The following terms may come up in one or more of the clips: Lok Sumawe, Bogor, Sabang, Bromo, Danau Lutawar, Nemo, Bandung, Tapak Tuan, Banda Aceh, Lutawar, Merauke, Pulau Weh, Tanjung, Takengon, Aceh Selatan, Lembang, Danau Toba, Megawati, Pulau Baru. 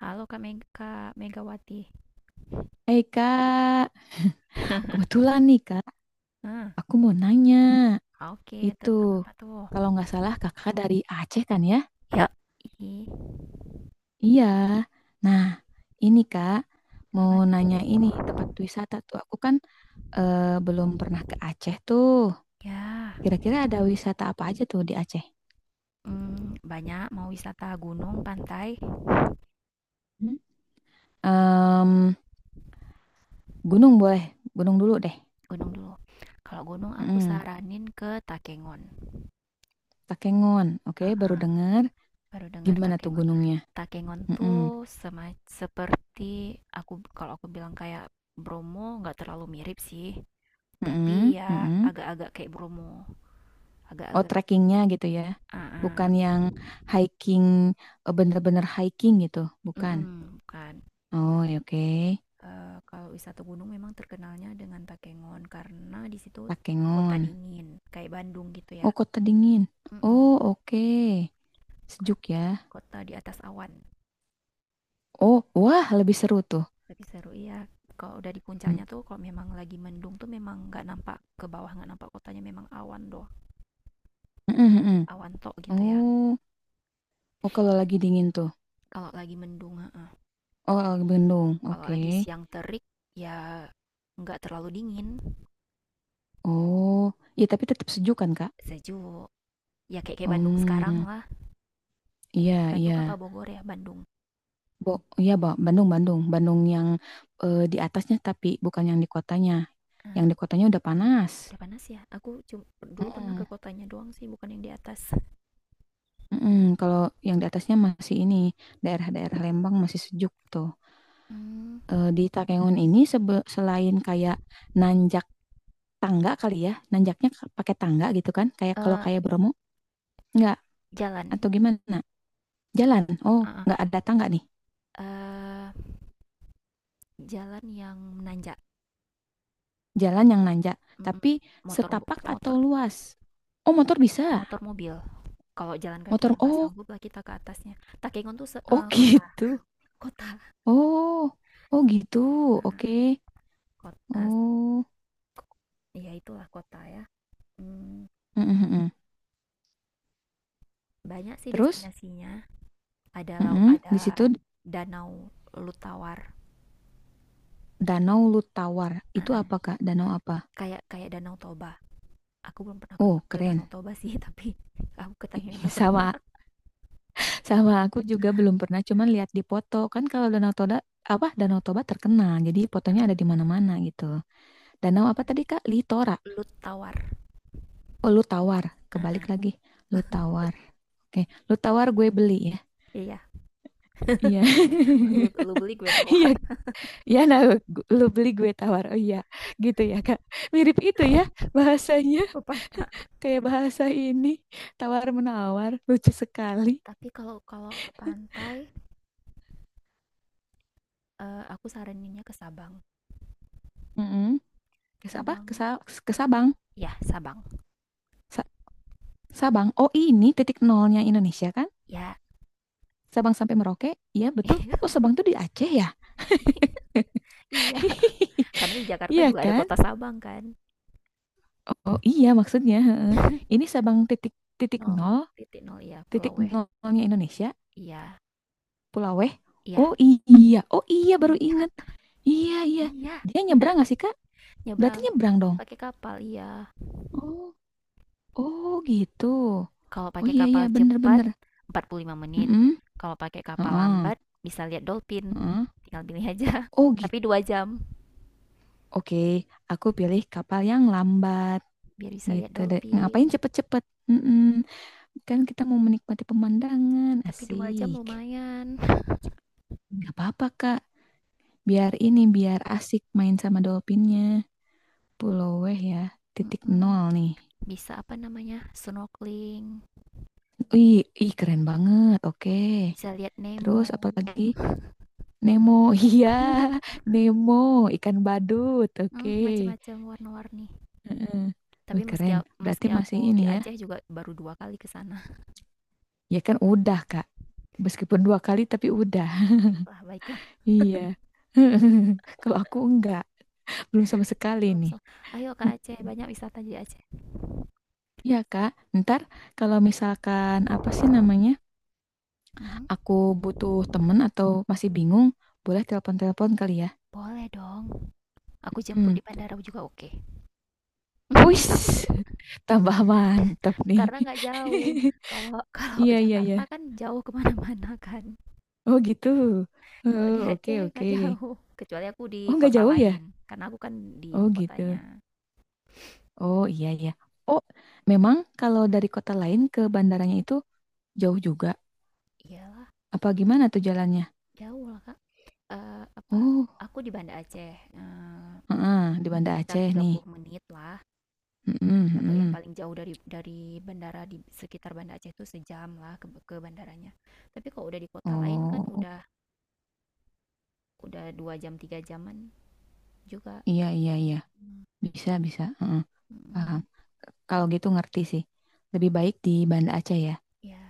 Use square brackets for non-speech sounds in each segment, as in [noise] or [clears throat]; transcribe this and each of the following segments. Halo Kak Megawati. Hai Kak, [laughs] kebetulan nih Kak, Hmm. aku mau nanya Oke, itu. tentang apa tuh? Kalau nggak salah Kakak dari Aceh kan ya? Ya. Ih. Iya. Nah, ini Kak, mau Apa nanya tuh? ini tempat wisata tuh. Aku kan belum pernah ke Aceh tuh. Ya, Kira-kira ada wisata apa aja tuh di Aceh? Banyak mau wisata gunung, pantai, Hmm? Em, Gunung boleh, gunung dulu deh. gunung dulu. Kalau gunung aku Mm-mm. saranin ke Takengon. Takengon, oke, baru dengar. Baru dengar Gimana tuh Takengon. gunungnya? Takengon Mm-mm. tuh seperti kalau aku bilang kayak Bromo nggak terlalu mirip sih, Mm-mm. tapi ya Mm-mm. agak-agak kayak Bromo, Oh, agak-agak. trekkingnya gitu ya. Ah, ah. Bukan yang hiking, eh, bener-bener hiking gitu. Bukan. Mm-mm, bukan. Oh, ya oke. Eh, kalau wisata gunung memang terkenalnya dengan Takengon karena di situ kota Takengon. dingin, kayak Bandung gitu ya. Oh, Kota Dingin. Mm-mm. Oh, oke. Kot- Sejuk ya. Kota di atas awan, Oh, wah, lebih seru tuh. lebih seru iya. Kalau udah di Hmm. puncaknya tuh, kalau memang lagi mendung tuh memang nggak nampak ke bawah, nggak nampak kotanya, memang awan doh, Mm, mm, mm. awan tok gitu ya. Oh, oh kalau lagi dingin tuh. Kalau lagi mendung, heeh. Oh, lagi bendung. Kalau Oke. lagi siang terik, ya nggak terlalu dingin, Oh, ya tapi tetap sejuk kan, Kak? sejuk. Ya kayak kayak Bandung sekarang Hmm, lah. Eh, iya, iya. Bandung apa Bogor ya? Bandung. Bo, iya, Bo. Bandung, Bandung. Bandung yang eh, di atasnya tapi bukan yang di kotanya. Yang Eh, di kotanya udah panas. udah panas ya aku dulu pernah ke Mm-mm. kotanya doang sih bukan yang di atas. Mm-mm. Kalau yang di atasnya masih ini, daerah-daerah Lembang masih sejuk tuh. Hmm, Eh, di Takengon ini selain kayak nanjak tangga kali ya, nanjaknya pakai tangga gitu kan, kayak kalau eh, kayak Bromo, enggak jalan. atau gimana? Jalan. Oh, Ah, nggak ah. ada tangga nih. Eh, jalan yang menanjak. Jalan yang nanjak, Mm-mm. tapi motor setapak atau motor luas. Oh, motor bisa. motor mobil kalau jalan kaki Motor ya nggak oh, sanggup lah kita ke atasnya. Takengon tuh se- oh eh, [laughs] kota gitu. kota Oh, oh gitu. Oke. uh, kota Oh. ya itulah kota ya. Mm, Mm, mm, mm. banyak sih Terus destinasinya, ada laut, mm-mm, ada di situ danau Lutawar. Danau Lutawar. Ah, Itu ah. apa, Kak? Danau apa? kayak kayak danau Toba. Aku belum pernah ke, Oh, ke keren. Danau Toba sih, tapi [laughs] aku ke Tanjung [laughs] udah pernah. Sama, sama aku juga belum pernah, cuman lihat di foto. Kan kalau Danau Toba, apa Danau Toba terkenal. Jadi fotonya ada di Ah, mana-mana gitu. Danau apa iya. tadi, Kak? Litora. Lu tawar. Oh, Lutawar. Ah, Kebalik ah. lagi. Lutawar. Oke, Lutawar gue beli ya. Iya. Iya. [laughs] Lu beli, gue Iya, tawar. iya nah, lu beli gue tawar. Oh iya, gitu ya, Kak. Mirip itu ya bahasanya. [laughs] ke pantai, Kayak bahasa ini tawar-menawar lucu sekali. tapi kalau kalau ke pantai, eh, aku saraninnya ke Sabang. Mm-mm. Kes apa? Ke, Sabang, ke Sabang. ya Sabang Sa- Sabang. Oh, ini titik nolnya Indonesia kan? ya. Sabang sampai Merauke. Iya, betul. Oh, [laughs] Sabang tuh di Aceh ya? iya. [laughs] Karena di Jakarta Iya juga ada kan? kota Sabang kan. Oh, oh, iya maksudnya. Heeh. [laughs] Ini Sabang titik, titik nol, nol, titik nol, iya, Pulau titik Weh. nolnya Indonesia, Iya, Pulaweh. iya, Oh iya, oh iya baru iya, inget. Iya iya. iya. Dia nyebrang nggak sih Kak? Berarti Nyebrang. nyebrang dong. Pakai kapal, iya. Oh, oh gitu. Kalau Oh pakai iya iya kapal cepat bener-bener. 45 menit. Mhm, Kalau pakai kapal heeh, lambat bisa lihat dolphin. heeh. Tinggal pilih aja. Oh [laughs] Tapi gitu. 2 jam Oke, aku pilih kapal yang lambat biar bisa lihat gitu deh. dolphin. Ngapain cepet-cepet? Mm-mm. Kan kita mau menikmati pemandangan, Tapi dua jam asik. lumayan. Gak apa-apa Kak, biar ini biar asik main sama dolphinnya. Pulau Weh ya, titik Mm-mm. nol nih. Bisa apa namanya? Snorkeling. Ih, ih keren banget. Oke. Bisa lihat Nemo. Terus apalagi Nemo, [laughs] iya Nemo ikan badut, oke. Macam-macam warna-warni. Heeh. Tapi Wih keren. Berarti meski masih aku di ini ya. Aceh juga baru 2 kali ke sana. Ya kan udah Kak. Meskipun 2 kali tapi Oh, udah. baiklah, baiklah. Iya. [laughs] Kalau aku enggak, belum sama sekali Belum nih. sem- Ayo ke Aceh, banyak wisata di Aceh. Iya Kak, ntar kalau misalkan apa sih namanya, Mhm. aku butuh temen atau masih bingung, boleh telepon-telepon kali ya. Boleh dong. Aku jemput Hmm. di bandara juga oke. Uish, [laughs] tambah mantap nih. Karena nggak jauh. [laughs] Kalau [laughs] kalau Iya, iya, iya. Jakarta kan jauh kemana mana kan. Oh gitu. Kalau Oh, di oke, Aceh oke. nggak jauh. Kecuali aku di Oh, nggak kota jauh lain. ya? Karena aku kan di Oh ibu gitu. kotanya. Oh iya iya. Oh, memang kalau dari kota lain ke bandaranya itu jauh juga. Iyalah, Apa gimana tuh jalannya? jauh lah Kak. Eh, apa? Oh, Aku di Banda Aceh. Heeh, di Banda Sekitar Aceh tiga nih. puluh menit lah. Mm-mm, Atau yang mm-mm. paling jauh dari bandara di sekitar Banda Aceh itu sejam lah ke bandaranya. Tapi kalau udah di kota lain kan Oh, udah 2 jam 3 jaman juga. iya iya iya. Hmm. Bisa bisa. Heeh, paham. Mm-mm. Kalau gitu ngerti sih. Lebih baik di Banda Aceh ya. Ya,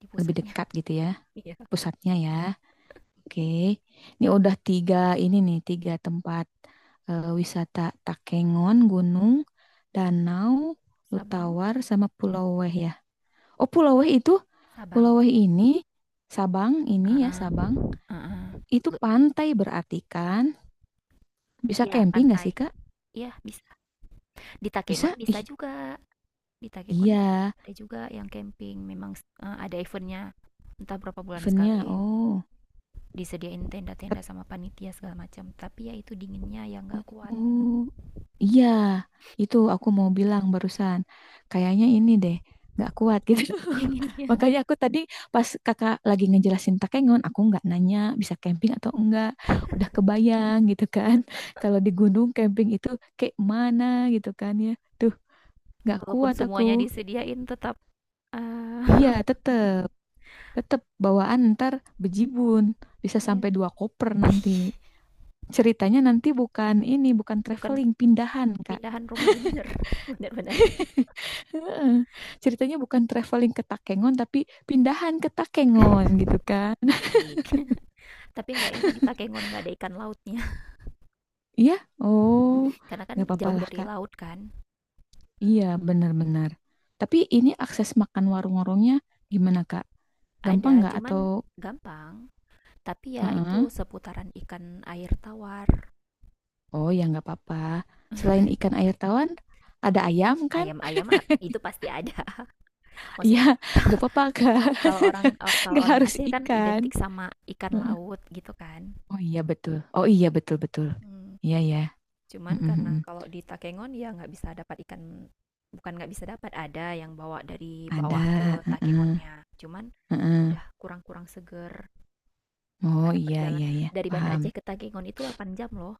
di Lebih pusatnya. dekat gitu ya, Iya, pusatnya ya. Oke. Ini udah tiga ini nih, tiga tempat wisata Takengon, gunung, danau, Sabang. Lutawar sama Pulau Weh ya. Oh, Pulau Weh itu, Pulau Sabang. Weh ini, Sabang ini ya, Heeh, Sabang, heeh. itu Lu. pantai berarti kan? Bisa Ya, camping nggak sih, pantai. Kak? Iya, bisa. Di Takengon Bisa? bisa Ih, juga. Di Takengon iya, ada juga yang camping. Memang ada eventnya. Entah berapa bulan sekali, eventnya. Oh, disediain tenda-tenda Ket- sama panitia segala macam. Tapi ya itu dinginnya yang nggak kuat. oh, iya, itu aku mau bilang barusan. Kayaknya ini deh, nggak kuat gitu. [laughs] [laughs] Dinginnya. Makanya aku tadi pas kakak lagi ngejelasin Takengon, aku nggak nanya bisa camping atau enggak. Udah kebayang gitu kan. [laughs] Kalau di gunung camping itu kayak mana gitu kan ya. Tuh nggak Walaupun kuat aku. semuanya disediain tetap, eee, Iya, tetep, tetep bawaan ntar bejibun. Bisa iya, sampai dua koper nanti. Ceritanya nanti bukan ini, bukan bukan traveling, pindahan, Kak. pindahan rumah ini bener, [laughs] bener bener. Heeh. Ceritanya bukan traveling ke Takengon, tapi pindahan ke Takengon gitu kan. [laughs] Asik. Tapi nggak enak di Takengon, nggak ada ikan lautnya. Iya, oh, [laughs] Karena kan nggak apa-apa jauh lah, dari Kak. laut kan. Iya, benar-benar. Tapi ini akses makan warung-warungnya gimana, Kak? Gampang Ada, nggak cuman atau... gampang. Tapi ya Heeh. itu seputaran ikan air tawar. Oh, ya nggak apa-apa. Selain ikan air tawar, ada I- ayam kan? Ayam-ayam itu pasti ada. [laughs] Iya, Maksudnya nggak apa-apa Kak. [laughs] Kalau Nggak orang harus Aceh kan ikan. identik sama ikan Heeh. laut gitu kan. Oh iya betul. Oh iya betul betul. Hmm. Iya ya. Cuman Mm, mm, karena mm. kalau di Takengon ya nggak bisa dapat ikan, bukan nggak bisa dapat, ada yang bawa dari bawah Ada. ke Heeh, Takengonnya. Cuman heeh. udah kurang-kurang seger Oh karena iya perjalanan iya iya. dari Banda Paham. Aceh ke Takengon itu 8 jam loh,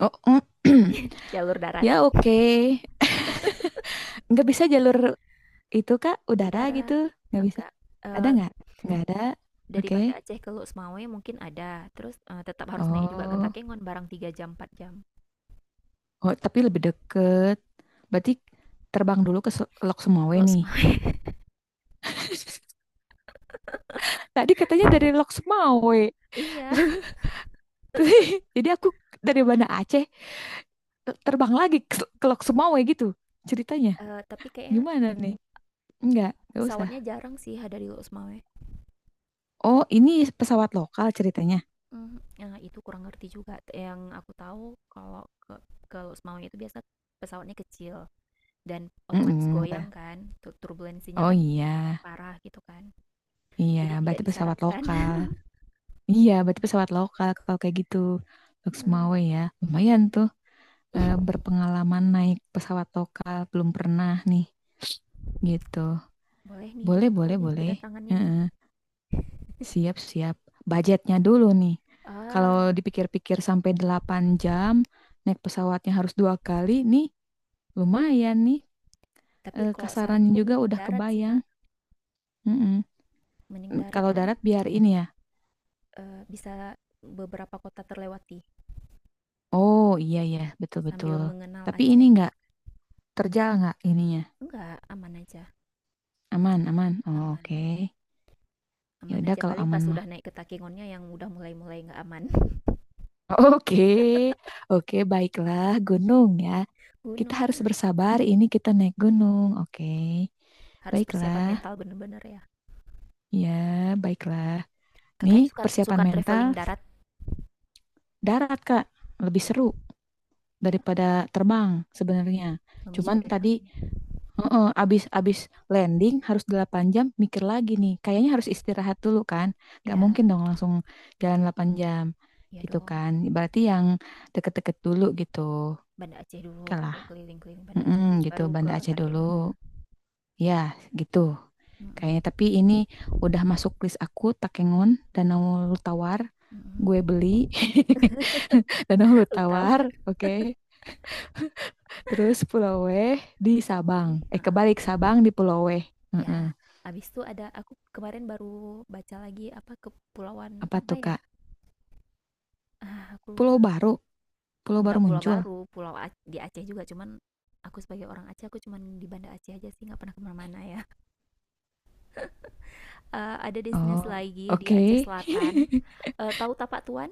Oh [clears throat] jalur darat. ya oke. [laughs] Nggak bisa jalur itu Kak. Udara gitu. Udara Nggak bisa. enggak. Ada eh, nggak? Nggak ada. Dari Oke. Banda Aceh ke Lok Sumawe mungkin ada, terus, tetap harus naik juga ke Oh. Takengon barang 3 jam, 4 jam. Oh tapi lebih deket. Berarti terbang dulu ke Lok Sumawe Lok nih. Sumawe. [laughs] [laughs] Tadi katanya dari Lok Sumawe. iya, [laughs] Jadi aku dari Banda Aceh terbang lagi ke Lok Sumawe gitu ceritanya. Tapi kayaknya Gimana nih? Enggak usah. pesawatnya jarang sih dari Lok Sumawe. Oh, ini pesawat lokal ceritanya. Mhm, nah itu kurang ngerti juga, yang aku tahu kalau ke Lok Sumawe itu biasa pesawatnya kecil dan otomatis Mm-mm. goyang kan, tu turbulensinya Oh kan iya, parah gitu kan, iya jadi tidak berarti pesawat disarankan. lokal. [laughs] Iya, berarti pesawat lokal kalau kayak gitu. Lok Nah, Sumawe ya. Lumayan iya. tuh [laughs] berpengalaman naik pesawat lokal belum pernah nih gitu. Boleh nih, Boleh, ditunggu boleh, nih boleh. kedatangannya nih. Heeh. Siap-siap. Budgetnya dulu nih. Ah. Kalau dipikir-pikir sampai 8 jam, naik pesawatnya harus 2 kali, nih lumayan nih. Tapi Eh, kalau kasarannya saranku juga mending udah darat sih, kebayang. Kak. Mm-mm. Mending darat Kalau kan, darat biar ini ya. Bisa beberapa kota terlewati Oh iya ya, sambil betul-betul. mengenal Tapi ini Aceh nggak gitu. terjal nggak ininya? Enggak, aman aja. Aman, aman. Oh, oke. Aman. Ya Aman udah aja. kalau Paling aman pas mah. udah naik ke Takengonnya yang udah mulai-mulai nggak aman. [laughs] [laughs] Oke, oke, baiklah gunung ya. Kita Gunung. harus bersabar. Ini kita naik gunung. Oke, Harus persiapan baiklah. mental bener-bener ya. Ya, baiklah. Nih, Kakaknya suka persiapan suka mental traveling darat? darat, Kak. Lebih seru Ya, daripada terbang sebenarnya. memicu Cuman tadi adrenalin. heeh, abis landing harus 8 jam mikir lagi nih. Kayaknya harus istirahat dulu kan. Gak Ya, mungkin dong langsung jalan 8 jam ya gitu dong. kan. Berarti yang deket-deket dulu gitu. Banda Aceh dulu Oke gitu, lah. keliling-keliling Banda Aceh Mm-mm, dulu, gitu, baru ke Banda Aceh Takengonnya. dulu. Ya, gitu. Mm-mm. Kayaknya tapi ini udah masuk list aku Takengon Danau Tawar gue Mm-mm. beli. [laughs] Danau [laughs] Lu tahu? Tawar, oke. Terus Pulau Weh di Tahu, Sabang. Eh eh. kebalik Sabang di Pulau Weh. Ya, Mm-mm. abis itu ada, aku kemarin baru baca lagi, apa kepulauan Apa apa tuh ya? Kak? Ah, aku lupa. Pulau Baru, Pulau Baru Enggak pulau muncul. baru, di Aceh juga, cuman aku sebagai orang Aceh aku cuman di Banda Aceh aja sih nggak pernah kemana-mana ya. Eh, ada destinasi Oh, lagi di Aceh oke. Selatan. Eh, tahu Tapak Tuan?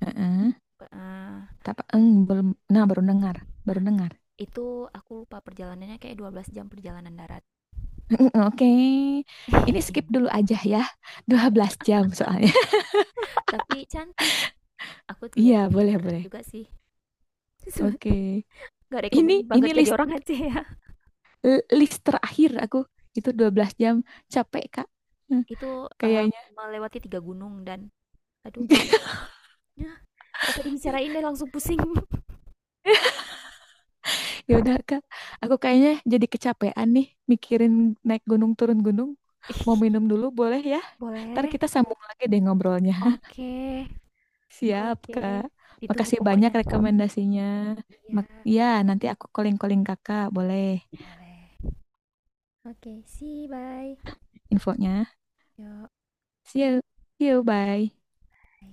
[laughs] Heeh. Eh, Tapi eng belum. Nah baru dengar, baru nah, dengar. itu aku lupa perjalanannya kayak 12 jam perjalanan darat. [laughs] Oke, ini skip dulu [laughs] aja ya. 12 jam soalnya. [laughs] Tapi cantik. Aku Iya, lihatnya di boleh, internet boleh. juga sih. [laughs] Oke. Gak rekomen Ini banget jadi list orang Aceh ya. List terakhir aku itu 12 jam, capek Kak. Hmm, Itu, kayaknya. melewati 3 gunung dan aduh Masya Allah. [laughs] Yah, nggak usah dibicarain deh, langsung pusing. Ya udah Kak, aku kayaknya jadi kecapean nih mikirin naik gunung turun gunung. [laughs] Mau Ih. minum dulu boleh ya? Ntar Boleh? kita sambung lagi deh ngobrolnya. Oke, [laughs] Siap oke. Kak. Ditunggu Makasih banyak pokoknya. rekomendasinya. Iya, Ya, nanti aku calling-calling Kakak, boleh boleh. Oke, see you, bye. infonya. Yok, See you. See you, bye. bye.